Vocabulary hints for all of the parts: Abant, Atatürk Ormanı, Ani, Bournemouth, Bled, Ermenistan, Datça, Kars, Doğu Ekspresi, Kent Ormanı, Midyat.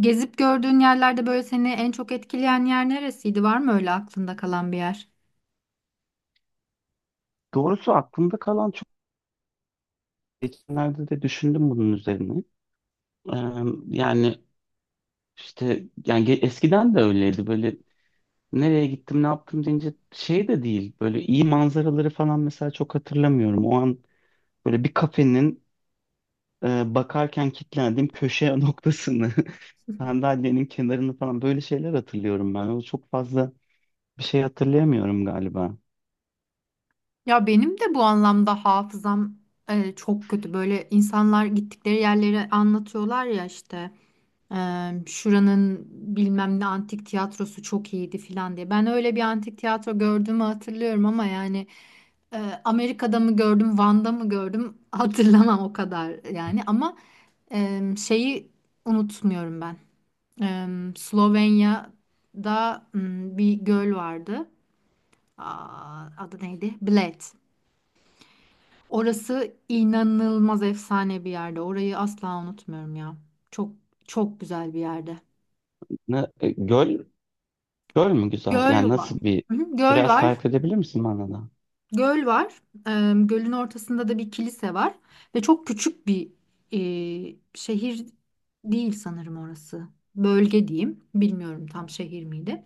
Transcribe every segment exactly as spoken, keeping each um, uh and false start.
Gezip gördüğün yerlerde böyle seni en çok etkileyen yer neresiydi? Var mı öyle aklında kalan bir yer? Doğrusu aklımda kalan çok geçenlerde de düşündüm bunun üzerine. Ee, yani işte yani ge- eskiden de öyleydi böyle nereye gittim ne yaptım deyince şey de değil böyle iyi manzaraları falan mesela çok hatırlamıyorum. O an böyle bir kafenin e, bakarken kilitlendiğim köşe noktasını sandalyenin kenarını falan böyle şeyler hatırlıyorum ben. O çok fazla bir şey hatırlayamıyorum galiba. Ya benim de bu anlamda hafızam e, çok kötü. Böyle insanlar gittikleri yerleri anlatıyorlar ya işte. Eee, şuranın bilmem ne antik tiyatrosu çok iyiydi filan diye. Ben öyle bir antik tiyatro gördüğümü hatırlıyorum ama yani eee, Amerika'da mı gördüm, Van'da mı gördüm hatırlamam o kadar yani ama eee, şeyi unutmuyorum ben. Em, Slovenya'da m, bir göl vardı. Aa, adı neydi? Bled. Orası inanılmaz efsane bir yerde. Orayı asla unutmuyorum ya. Çok çok güzel bir yerde. Ne, e, göl, göl mü güzel? Göl Yani nasıl var. bir Hı hı, göl biraz var. tarif edebilir misin bana da? Göl var. Em, gölün ortasında da bir kilise var ve çok küçük bir e, şehir değil sanırım orası. Bölge diyeyim. Bilmiyorum tam şehir miydi.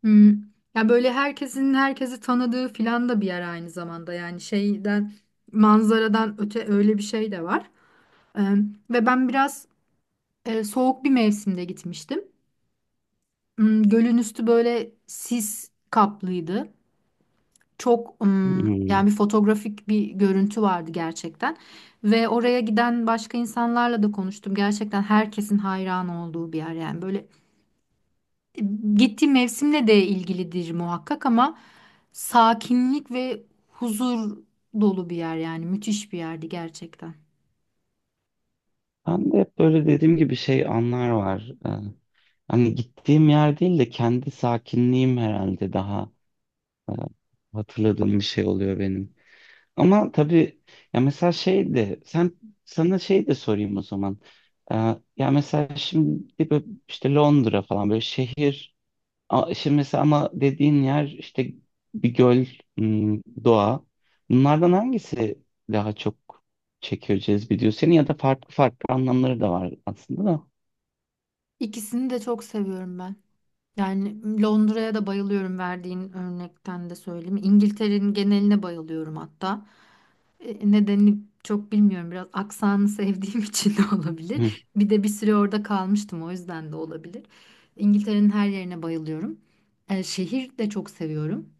Hmm. Ya böyle herkesin herkesi tanıdığı filan da bir yer aynı zamanda yani şeyden manzaradan öte öyle bir şey de var. Ee, Ve ben biraz e, soğuk bir mevsimde gitmiştim. Hmm, gölün üstü böyle sis kaplıydı. Çok hmm, yani Hmm. bir fotoğrafik bir görüntü vardı gerçekten. Ve oraya giden başka insanlarla da konuştum. Gerçekten herkesin hayran olduğu bir yer yani böyle gittiği mevsimle de ilgilidir muhakkak ama sakinlik ve huzur dolu bir yer yani müthiş bir yerdi gerçekten. Ben de hep böyle dediğim gibi şey anlar var. Ee, hani gittiğim yer değil de kendi sakinliğim herhalde daha e, hatırladığım bir şey oluyor benim. Ama tabii ya mesela şey de sen sana şey de sorayım o zaman. Ee, ya mesela şimdi böyle işte Londra falan böyle şehir. A- Şimdi mesela ama dediğin yer işte bir göl, hmm, doğa. Bunlardan hangisi daha çok çekiyor, cezbediyor seni ya da farklı farklı anlamları da var aslında da. İkisini de çok seviyorum ben. Yani Londra'ya da bayılıyorum, verdiğin örnekten de söyleyeyim. İngiltere'nin geneline bayılıyorum hatta. E, Nedenini çok bilmiyorum. Biraz aksanı sevdiğim için de Hı. olabilir. Bir de bir süre orada kalmıştım, o yüzden de olabilir. İngiltere'nin her yerine bayılıyorum. E, şehir de çok seviyorum.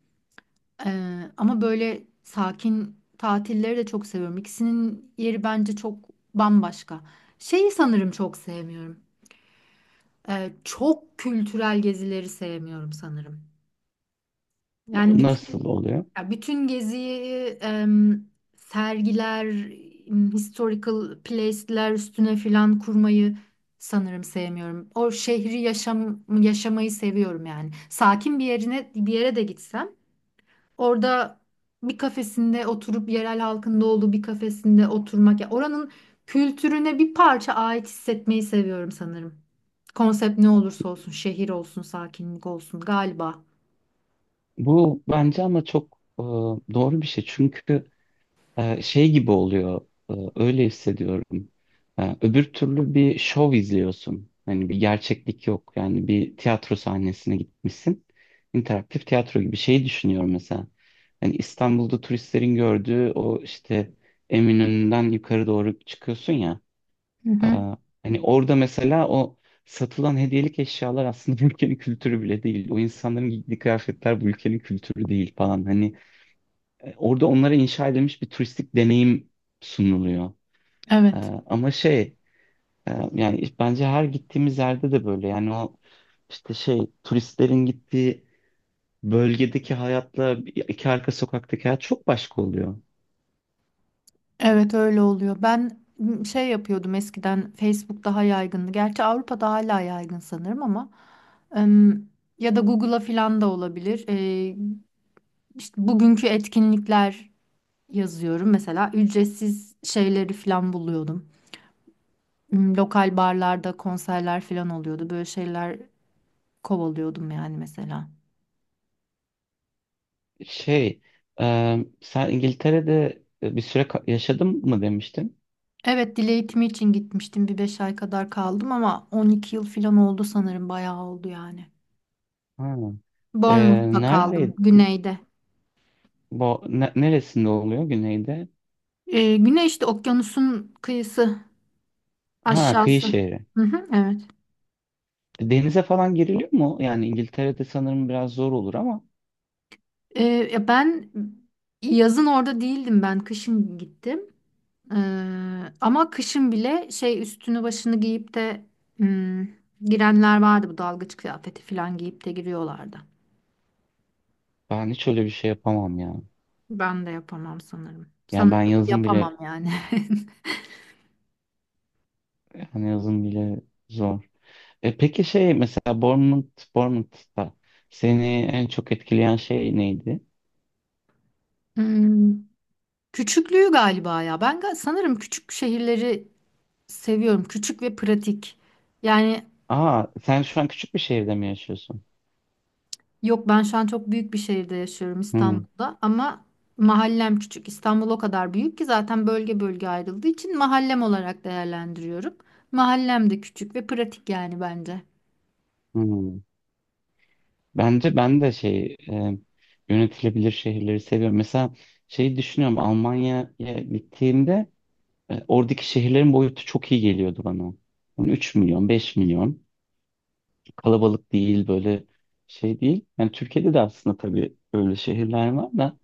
Ee, ama böyle sakin tatilleri de çok seviyorum. İkisinin yeri bence çok bambaşka. Şeyi sanırım çok sevmiyorum. Ee, çok kültürel gezileri sevmiyorum sanırım. Yani Nasıl bütün oluyor? ya bütün geziyi em, sergiler, em, historical place'ler üstüne filan kurmayı sanırım sevmiyorum. O şehri yaşam yaşamayı seviyorum yani. Sakin bir yerine bir yere de gitsem orada bir kafesinde oturup, yerel halkında olduğu bir kafesinde oturmak ya oranın kültürüne bir parça ait hissetmeyi seviyorum sanırım. Konsept ne olursa olsun, şehir olsun, sakinlik olsun galiba. Bu bence ama çok e, doğru bir şey. Çünkü e, şey gibi oluyor. e, öyle hissediyorum. E, öbür türlü bir şov izliyorsun. Hani bir gerçeklik yok. Yani bir tiyatro sahnesine gitmişsin. İnteraktif tiyatro gibi şeyi düşünüyorum mesela. Hani İstanbul'da turistlerin gördüğü o işte Eminönü'nden yukarı doğru çıkıyorsun ya. Hı E, hı. hani orada mesela o satılan hediyelik eşyalar aslında bu ülkenin kültürü bile değil. O insanların giydiği kıyafetler bu ülkenin kültürü değil falan. Hani e, Orada onlara inşa edilmiş bir turistik deneyim sunuluyor. E, Evet. ama şey e, yani iş- bence her gittiğimiz yerde de böyle yani o işte şey turistlerin gittiği bölgedeki hayatla bir- iki arka sokaktaki hayat çok başka oluyor. Evet, öyle oluyor. Ben m, şey yapıyordum eskiden, Facebook daha yaygındı. Gerçi Avrupa'da hala yaygın sanırım ama em, ya da Google'a filan da olabilir. Ee, işte bugünkü etkinlikler yazıyorum. Mesela ücretsiz şeyleri falan buluyordum. Hmm, Lokal barlarda konserler falan oluyordu. Böyle şeyler kovalıyordum yani mesela. Şey e, sen İngiltere'de e, bir süre ka- yaşadın mı demiştin? Evet, dil eğitimi için gitmiştim. Bir beş ay kadar kaldım ama on iki yıl falan oldu sanırım. Bayağı oldu yani. Ha. E, Bournemouth'ta kaldım. neredeydi? Güneyde. Bu, ne- neresinde oluyor güneyde? Ee, güney işte, okyanusun kıyısı Ha, kıyı aşağısı. şehri. Hı hı, evet. E, Denize falan giriliyor mu? Yani İngiltere'de sanırım biraz zor olur ama. Ee, ya ben yazın orada değildim ben. Kışın gittim. Ee, ama kışın bile şey, üstünü başını giyip de hmm, girenler vardı, bu dalgıç kıyafeti falan giyip de giriyorlardı. Ben hiç öyle bir şey yapamam ya. Ben de yapamam sanırım. Yani ben Sanırım yazın bile yapamam yani. hani yazın bile zor. E peki şey mesela Bournemouth, Bournemouth'ta seni en çok etkileyen şey neydi? Hmm, Küçüklüğü galiba ya. Ben ga- sanırım küçük şehirleri seviyorum. Küçük ve pratik. Yani, Aa, sen şu an küçük bir şehirde mi yaşıyorsun? yok, ben şu an çok büyük bir şehirde yaşıyorum, Hmm, İstanbul'da, ama mahallem küçük. İstanbul o kadar büyük ki zaten, bölge bölge ayrıldığı için mahallem olarak değerlendiriyorum. Mahallem de küçük ve pratik yani bence. hmm. Bence ben de şey e, yönetilebilir şehirleri seviyorum. Mesela şeyi düşünüyorum Almanya'ya gittiğimde e, oradaki şehirlerin boyutu çok iyi geliyordu bana. Yani üç milyon, beş milyon. Kalabalık değil böyle şey değil. Yani Türkiye'de de aslında tabii öyle şehirler var da,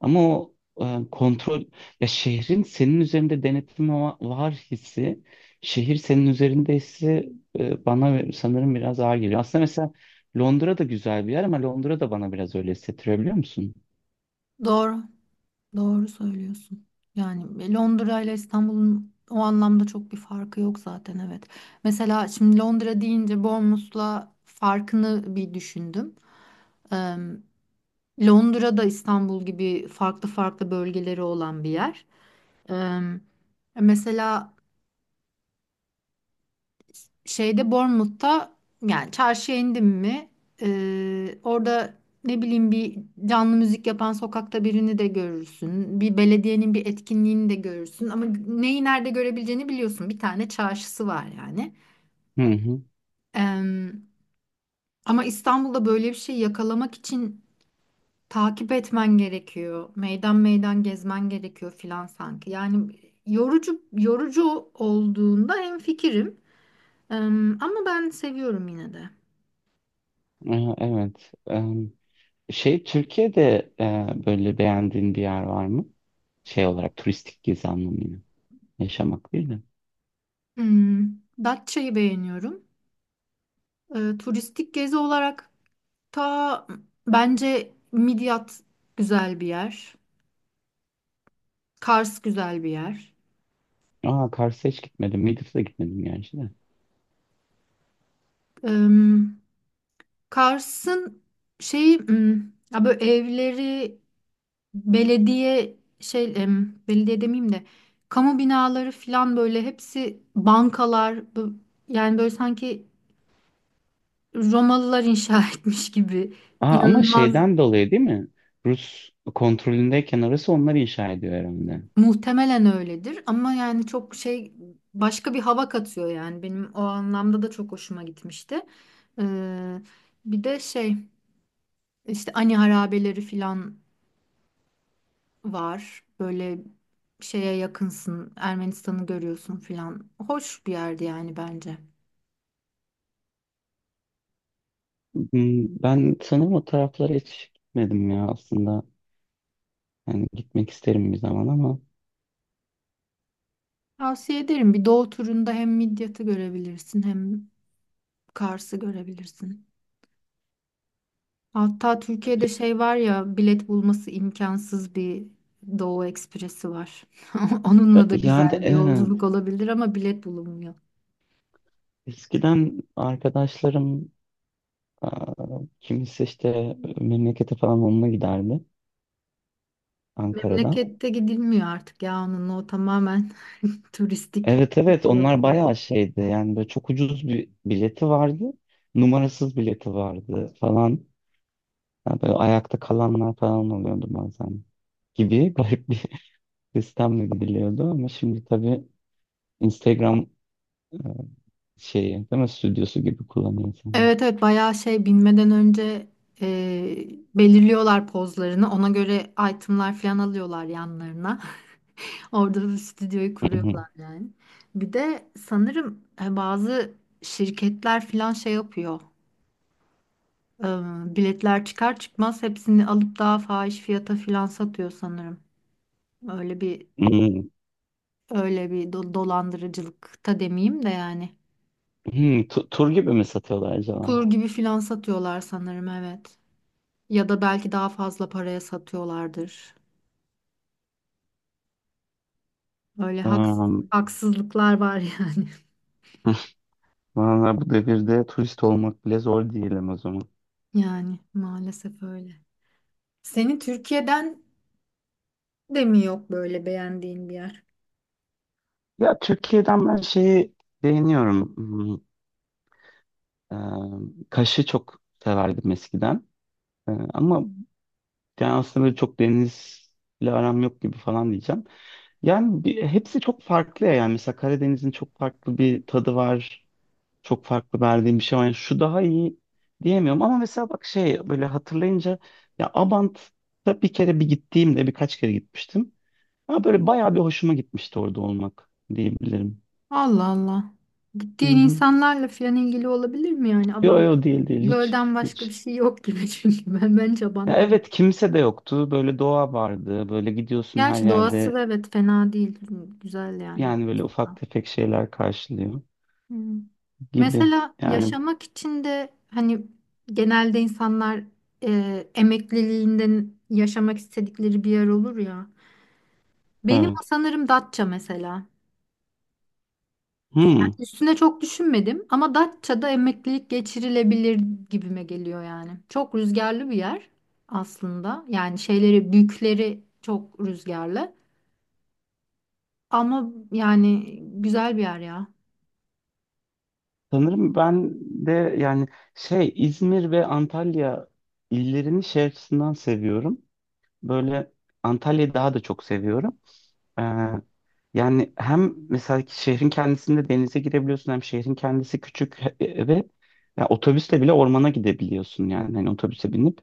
ama o e, kontrol, ya şehrin senin üzerinde denetim va- var hissi, şehir senin üzerinde hissi e, bana ve- sanırım biraz ağır geliyor. Aslında mesela Londra da güzel bir yer, ama Londra da bana biraz öyle hissettiriyor, biliyor musun? Doğru, doğru söylüyorsun. Yani e, Londra ile İstanbul'un o anlamda çok bir farkı yok zaten, evet. Mesela şimdi Londra deyince Bournemouth'la farkını bir düşündüm. Em, Londra da İstanbul gibi farklı farklı bölgeleri olan bir yer. Ee, Mesela şeyde, Bournemouth'ta, yani çarşıya indim mi e, orada ne bileyim, bir canlı müzik yapan sokakta birini de görürsün. Bir belediyenin bir etkinliğini de görürsün. Ama neyi nerede görebileceğini biliyorsun. Bir tane çarşısı var yani. Hı hı. Ee, Ama İstanbul'da böyle bir şey yakalamak için takip etmen gerekiyor. Meydan meydan gezmen gerekiyor filan sanki. Yani yorucu yorucu olduğunda hemfikirim. Em, ama ben seviyorum yine de. E, Evet. E, Şey Türkiye'de e, böyle beğendiğin bir yer var mı? Şey olarak, turistik gezi anlamıyla. Yaşamak değil de. Hmm, Datça'yı beğeniyorum. E, turistik gezi olarak ta bence Midyat güzel bir yer. Kars güzel bir yer. Aa, Kars'a hiç gitmedim. Midis'e gitmedim yani işte. Em, Kars'ın şeyi hmm, ya böyle evleri, belediye şey, em, belediye demeyeyim de, kamu binaları falan, böyle hepsi bankalar bu- yani böyle sanki Romalılar inşa etmiş gibi. Aa, ama İnanılmaz. şeyden dolayı değil mi? Rus kontrolündeyken orası, onlar inşa ediyor herhalde. Muhtemelen öyledir ama yani çok şey, başka bir hava katıyor yani, benim o anlamda da çok hoşuma gitmişti. Ee, Bir de şey, işte Ani harabeleri filan var, böyle şeye yakınsın, Ermenistan'ı görüyorsun filan, hoş bir yerdi yani bence. Hmm, Ben sanırım o taraflara hiç gitmedim ya aslında. Yani gitmek isterim bir zaman ama. Tavsiye ederim, bir doğu turunda hem Midyat'ı görebilirsin hem Kars'ı görebilirsin. Hatta Türkiye'de şey var ya, bilet bulması imkansız bir Doğu Ekspresi var. Pe- Onunla da yani güzel bir evet, yolculuk olabilir ama bilet bulunmuyor. eskiden arkadaşlarım. Aa, kimisi işte memlekete falan onunla giderdi, Ankara'da. Memlekette gidilmiyor artık ya onunla, o tamamen turistik Evet, bir evet, şey onlar oluyor. bayağı şeydi, yani böyle çok ucuz bir bileti vardı. Numarasız bileti vardı falan. Yani böyle ayakta kalanlar falan oluyordu bazen, gibi garip bir sistemle gidiliyordu. Ama şimdi tabii Instagram e, şeyi değil mi, stüdyosu gibi kullanıyor insanlar. Evet evet, bayağı şey, binmeden önce e, belirliyorlar pozlarını. Ona göre itemlar falan alıyorlar yanlarına. Orada da stüdyoyu Hmm. kuruyorlar yani. Bir de sanırım e, bazı şirketler falan şey yapıyor. Ee, biletler çıkar çıkmaz hepsini alıp daha fahiş fiyata filan satıyor sanırım. Öyle bir Hmm. öyle bir do- dolandırıcılıkta demeyeyim de yani. Hmm. Tu- Tur gibi mi satıyorlar acaba? Tur gibi filan satıyorlar sanırım, evet. Ya da belki daha fazla paraya satıyorlardır. Öyle haksız, Hmm. haksızlıklar var yani. Valla bu devirde turist olmak bile zor diyelim o zaman. Yani maalesef öyle. Seni Türkiye'den de mi yok böyle beğendiğin bir yer? Ya Türkiye'den ben şeyi beğeniyorum. Hmm, e, Kaş'ı çok severdim eskiden. E, ama yani aslında böyle çok denizle aram yok gibi falan diyeceğim. Yani bir- hepsi çok farklı ya. Yani mesela Karadeniz'in çok farklı bir tadı var. Çok farklı verdiğim bir şey var. Yani şu daha iyi diyemiyorum. Ama mesela bak, şey böyle hatırlayınca ya, Abant'a bir kere bir gittiğimde, birkaç kere gitmiştim. Ama böyle bayağı bir hoşuma gitmişti orada olmak diyebilirim. Allah Allah. Hı Gittiğin hı. insanlarla filan ilgili olabilir mi yani? Yo yo, değil değil, hiç Gölden başka bir hiç. şey yok gibi çünkü ben ben Ya Abant'tan. evet, kimse de yoktu. Böyle doğa vardı. Böyle gidiyorsun, her Gerçi doğası da, yerde evet, fena değil. Güzel yani. yani böyle ufak tefek şeyler karşılıyor Hmm. gibi. Mesela Yani yaşamak için de hani, genelde insanlar e, emekliliğinden yaşamak istedikleri bir yer olur ya. Benim evet. sanırım Datça mesela. Hmm. Üstüne çok düşünmedim ama Datça'da emeklilik geçirilebilir gibime geliyor yani. Çok rüzgarlı bir yer aslında. Yani şeyleri, büyükleri çok rüzgarlı. Ama yani güzel bir yer ya. Sanırım ben de yani şey İzmir ve Antalya illerini şey açısından seviyorum. Böyle Antalya'yı daha da çok seviyorum. Yani hem mesela ki şehrin kendisinde denize girebiliyorsun, hem şehrin kendisi küçük, he- e, ve ya otobüsle bile ormana gidebiliyorsun, yani hani otobüse binip.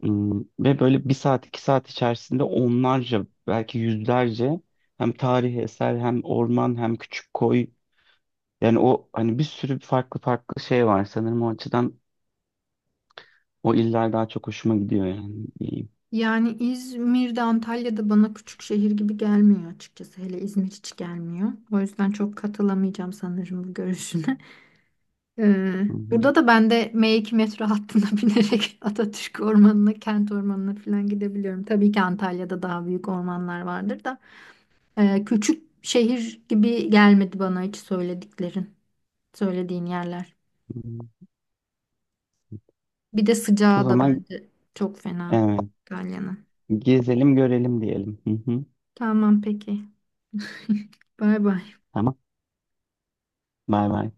Hmm, ve böyle bir saat iki saat içerisinde onlarca, belki yüzlerce hem tarihi eser, hem orman, hem küçük koy, yani o hani bir sürü farklı farklı şey var, sanırım o açıdan o iller daha çok hoşuma gidiyor yani, diyeyim. Yani İzmir'de, Antalya'da bana küçük şehir gibi gelmiyor açıkçası. Hele İzmir hiç gelmiyor. O yüzden çok katılamayacağım sanırım bu görüşüne. Ee, Hı hı, Burada da ben de M iki metro hattına binerek Atatürk Ormanı'na, Kent Ormanı'na falan gidebiliyorum. Tabii ki Antalya'da daha büyük ormanlar vardır da. Ee, küçük şehir gibi gelmedi bana hiç söylediklerin, söylediğin yerler. hı hı. Bir de O sıcağı da zaman bence çok fena evet, Antalya'nın. gezelim görelim diyelim. Hı hı. Tamam peki. Bay bay. Tamam. Bay bay.